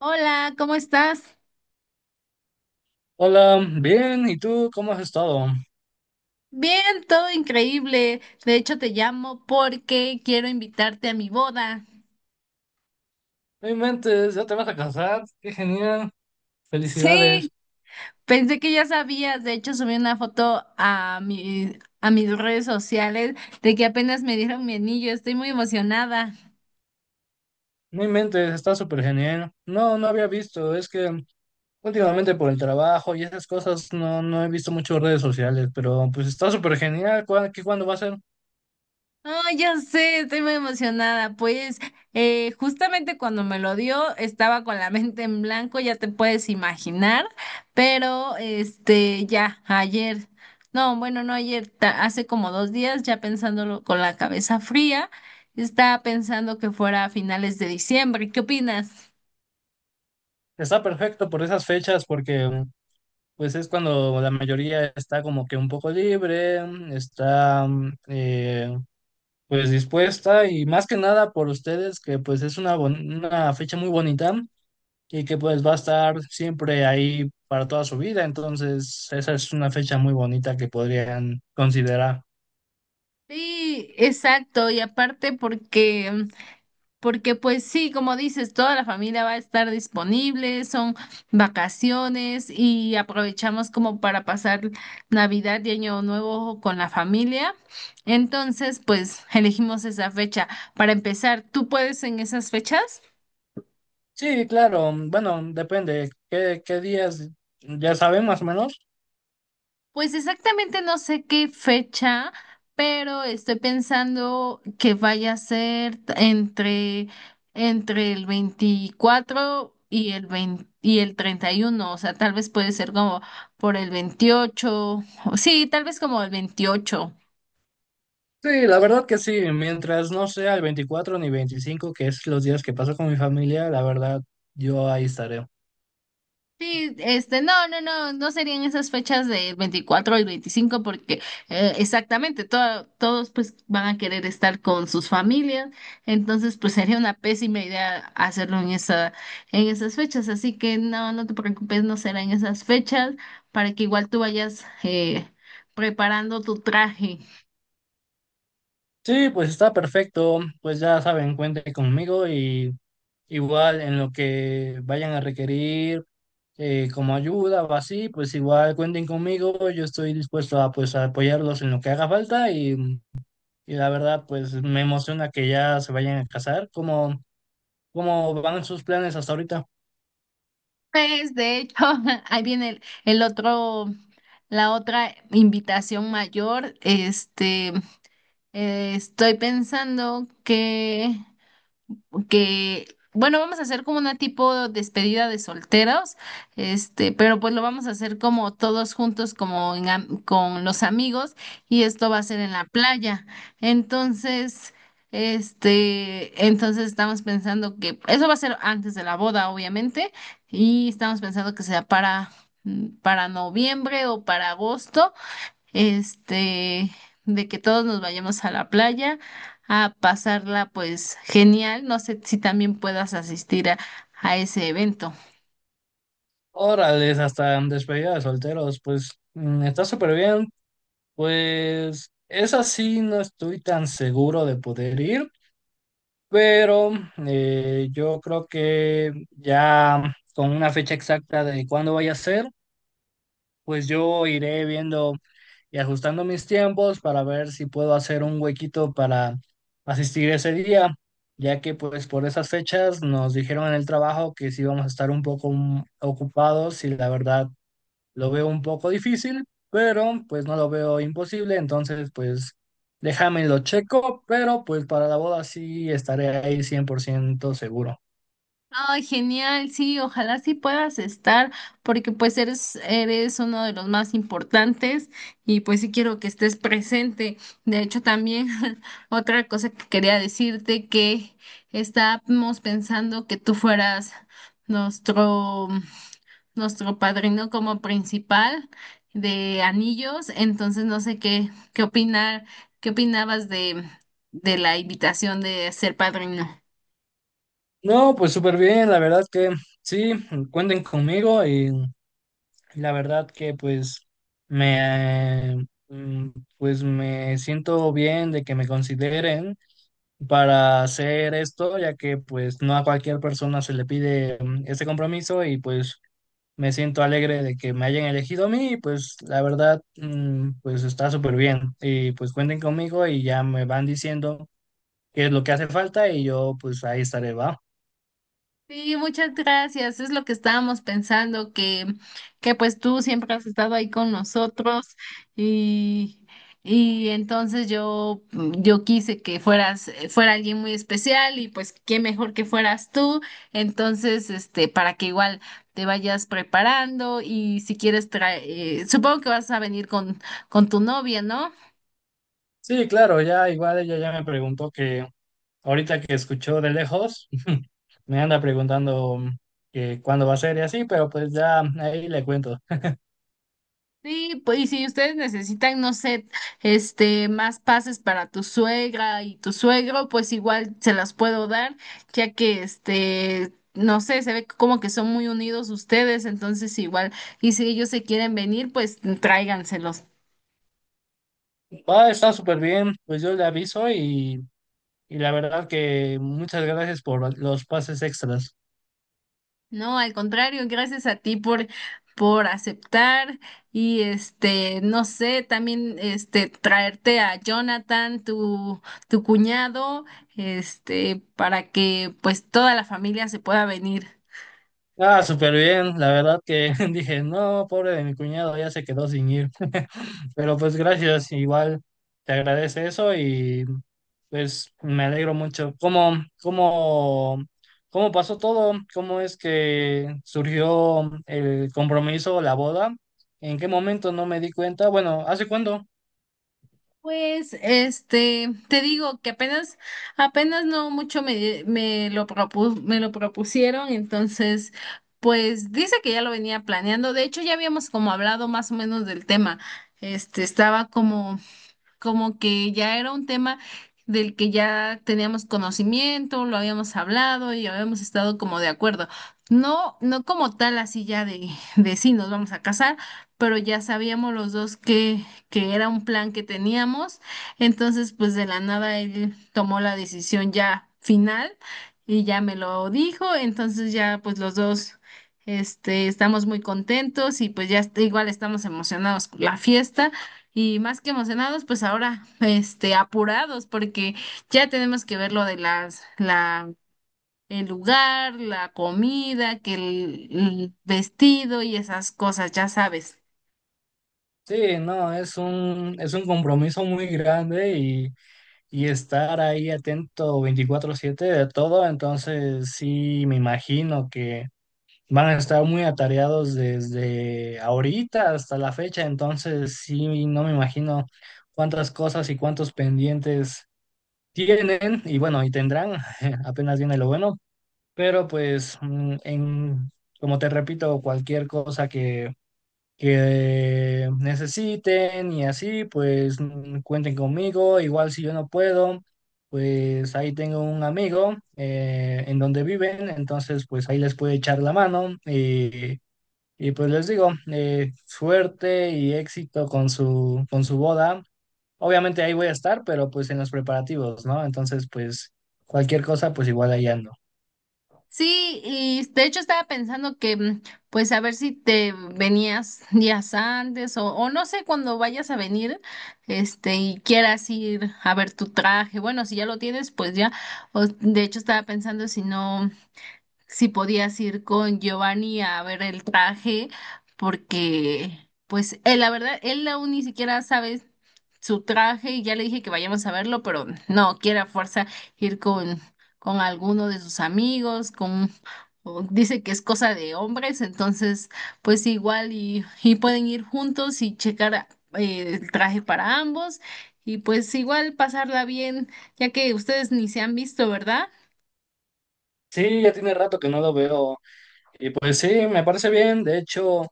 Hola, ¿cómo estás? Hola, bien, ¿y tú cómo has estado? Bien, todo increíble. De hecho, te llamo porque quiero invitarte a mi boda. No inventes, ya te vas a casar, qué genial, felicidades. Sí, pensé que ya sabías. De hecho, subí una foto a mis redes sociales de que apenas me dieron mi anillo. Estoy muy emocionada. No inventes, está súper genial. No, no había visto, es que últimamente por el trabajo y esas cosas no he visto mucho redes sociales, pero pues está súper genial, ¿qué cuándo va a ser? No, ya sé, estoy muy emocionada. Pues justamente cuando me lo dio estaba con la mente en blanco, ya te puedes imaginar, pero ya ayer, no, bueno, no ayer, hace como 2 días ya pensándolo con la cabeza fría, estaba pensando que fuera a finales de diciembre. ¿Qué opinas? Está perfecto por esas fechas porque pues es cuando la mayoría está como que un poco libre, está eh, pues dispuesta y más que nada por ustedes que pues es una, una fecha muy bonita. Y que pues va a estar siempre ahí para toda su vida. Entonces, esa es una fecha muy bonita que podrían considerar. Sí, exacto, y aparte Porque pues sí, como dices, toda la familia va a estar disponible, son vacaciones y aprovechamos como para pasar Navidad y Año Nuevo con la familia. Entonces, pues elegimos esa fecha. Para empezar, ¿tú puedes en esas fechas? Sí, claro, bueno, depende qué, qué días, ya saben más o menos. Pues exactamente no sé qué fecha, pero estoy pensando que vaya a ser entre el 24 y el 20 y el 31. O sea, tal vez puede ser como por el 28. O sí, tal vez como el 28. Sí, la verdad que sí, mientras no sea el 24 ni 25, que es los días que paso con mi familia, la verdad, yo ahí estaré. Sí, no, no, no, no serían esas fechas del 24 al 25 porque exactamente todos pues van a querer estar con sus familias, entonces pues sería una pésima idea hacerlo en en esas fechas, así que no, no te preocupes, no será en esas fechas para que igual tú vayas preparando tu traje. Sí, pues está perfecto. Pues ya saben, cuenten conmigo y igual en lo que vayan a requerir como ayuda o así, pues igual cuenten conmigo. Yo estoy dispuesto a pues a apoyarlos en lo que haga falta y la verdad pues me emociona que ya se vayan a casar. ¿Cómo, cómo van sus planes hasta ahorita? Pues de hecho, ahí viene el otro, la otra invitación mayor, estoy pensando que, bueno, vamos a hacer como una tipo despedida de solteros, pero pues lo vamos a hacer como todos juntos, como con los amigos, y esto va a ser en la playa. Entonces, entonces estamos pensando que eso va a ser antes de la boda, obviamente, y estamos pensando que sea para noviembre o para agosto este, de que todos nos vayamos a la playa a pasarla pues genial. No sé si también puedas asistir a ese evento. Órales, hasta despedida de solteros, pues mm, está súper bien. Pues esa sí no estoy tan seguro de poder ir, pero yo creo que ya con una fecha exacta de cuándo vaya a ser, pues yo iré viendo y ajustando mis tiempos para ver si puedo hacer un huequito para asistir ese día, ya que pues por esas fechas nos dijeron en el trabajo que sí vamos a estar un poco mm, ocupados y la verdad lo veo un poco difícil, pero pues no lo veo imposible, entonces pues déjame lo checo, pero pues para la boda sí estaré ahí 100% seguro. Ay, genial, sí, ojalá sí puedas estar, porque pues eres uno de los más importantes y pues sí quiero que estés presente. De hecho, también otra cosa que quería decirte que estábamos pensando que tú fueras nuestro nuestro padrino como principal de anillos, entonces no sé qué opinar, qué opinabas de la invitación de ser padrino. No, pues súper bien, la verdad que sí, cuenten conmigo y la verdad que pues me, mm, pues me siento bien de que me consideren para hacer esto, ya que pues no a cualquier persona se le pide mm, este compromiso y pues me siento alegre de que me hayan elegido a mí y pues la verdad, mm, pues está súper bien. Y pues cuenten conmigo y ya me van diciendo qué es lo que hace falta y yo pues ahí estaré, ¿va? Sí, muchas gracias. Es lo que estábamos pensando, que pues tú siempre has estado ahí con nosotros y, y entonces yo quise que fuera alguien muy especial y pues qué mejor que fueras tú. Entonces, para que igual te vayas preparando y si quieres traer, supongo que vas a venir con tu novia, ¿no? Sí, claro, ya igual ella ya me preguntó que ahorita que escuchó de lejos, me anda preguntando mm, que cuándo va a ser y así, pero pues ya ahí le cuento. Sí, pues, y si ustedes necesitan, no sé, más pases para tu suegra y tu suegro, pues igual se las puedo dar, ya que no sé, se ve como que son muy unidos ustedes, entonces igual, y si ellos se quieren venir, pues tráiganselos. Va, está súper bien, pues yo le aviso y la verdad que muchas gracias por los pases extras. No, al contrario, gracias a ti por aceptar y no sé, también traerte a Jonathan, tu cuñado, para que pues toda la familia se pueda venir. Ah, súper bien. La verdad que dije, no, pobre de mi cuñado, ya se quedó sin ir. Pero pues gracias, igual te agradece eso y pues me alegro mucho. ¿Cómo, cómo, cómo pasó todo? ¿Cómo es que surgió el compromiso, la boda? ¿En qué momento no me di cuenta? Bueno, ¿hace cuándo? Pues, te digo que apenas, apenas no mucho me lo propusieron, entonces, pues dice que ya lo venía planeando. De hecho, ya habíamos como hablado más o menos del tema. Este, estaba como que ya era un tema del que ya teníamos conocimiento, lo habíamos hablado y habíamos estado como de acuerdo. No, no como tal así ya de sí nos vamos a casar, pero ya sabíamos los dos que era un plan que teníamos. Entonces, pues de la nada él tomó la decisión ya final y ya me lo dijo. Entonces ya pues los dos estamos muy contentos y pues ya igual estamos emocionados por la fiesta. Y más que emocionados, pues ahora, apurados, porque ya tenemos que ver lo de el lugar, la comida, que el vestido y esas cosas, ya sabes. Sí, no, es es un compromiso muy grande y estar ahí atento 24/7 de todo, entonces sí me imagino que van a estar muy atareados desde ahorita hasta la fecha, entonces sí no me imagino cuántas cosas y cuántos pendientes tienen y bueno, y tendrán, apenas viene lo bueno, pero pues mm, en, como te repito, cualquier cosa que necesiten y así, pues mm, cuenten conmigo. Igual si yo no puedo, pues ahí tengo un amigo en donde viven, entonces pues ahí les puedo echar la mano y, pues les digo, suerte y éxito con su boda. Obviamente ahí voy a estar, pero pues en los preparativos, ¿no? Entonces pues cualquier cosa, pues igual ahí ando. Sí, y de hecho estaba pensando pues a ver si te venías días antes o no sé cuando vayas a venir, y quieras ir a ver tu traje. Bueno, si ya lo tienes, pues ya. O, de hecho estaba pensando si no. Si podías ir con Giovanni a ver el traje, porque pues él, la verdad, él aún ni siquiera sabe su traje y ya le dije que vayamos a verlo, pero no, quiere a fuerza ir con alguno de sus amigos, con... o dice que es cosa de hombres, entonces pues igual y pueden ir juntos y checar el traje para ambos y pues igual pasarla bien, ya que ustedes ni se han visto, ¿verdad? Sí, ya tiene rato que no lo veo. Y pues sí, me parece bien. De hecho,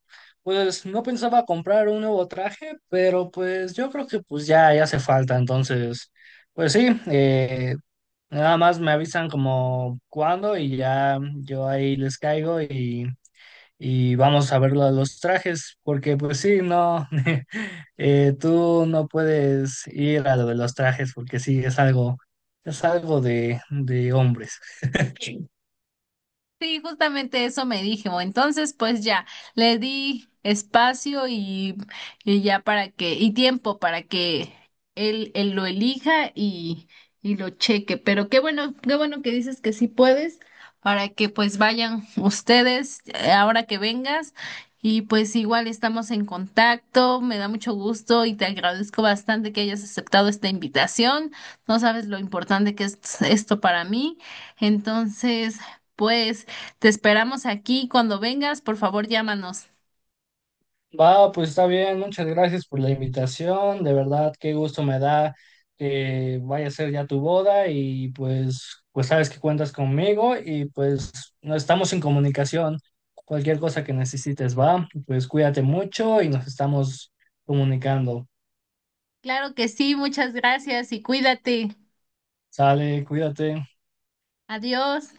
pues no pensaba comprar un nuevo traje, pero pues yo creo que pues ya, ya hace falta. Entonces, pues sí, nada más me avisan como cuándo y ya yo ahí les caigo y vamos a ver lo de los trajes, porque pues sí, no, tú no puedes ir a lo de los trajes porque sí, es algo de hombres. Sí, justamente eso me dijo. Entonces, pues ya, le di espacio y ya y tiempo para que él lo elija y lo cheque. Pero qué bueno que dices que sí puedes, para que pues vayan ustedes ahora que vengas. Y pues igual estamos en contacto, me da mucho gusto y te agradezco bastante que hayas aceptado esta invitación. No sabes lo importante que es esto para mí. Entonces, pues... Te esperamos aquí. Cuando vengas, por favor, llámanos. Va, pues está bien, muchas gracias por la invitación, de verdad, qué gusto me da que vaya a ser ya tu boda y pues, pues sabes que cuentas conmigo y pues no estamos en comunicación, cualquier cosa que necesites, va, pues cuídate mucho y nos estamos comunicando. Claro que sí, muchas gracias y cuídate. Sale, cuídate. Adiós.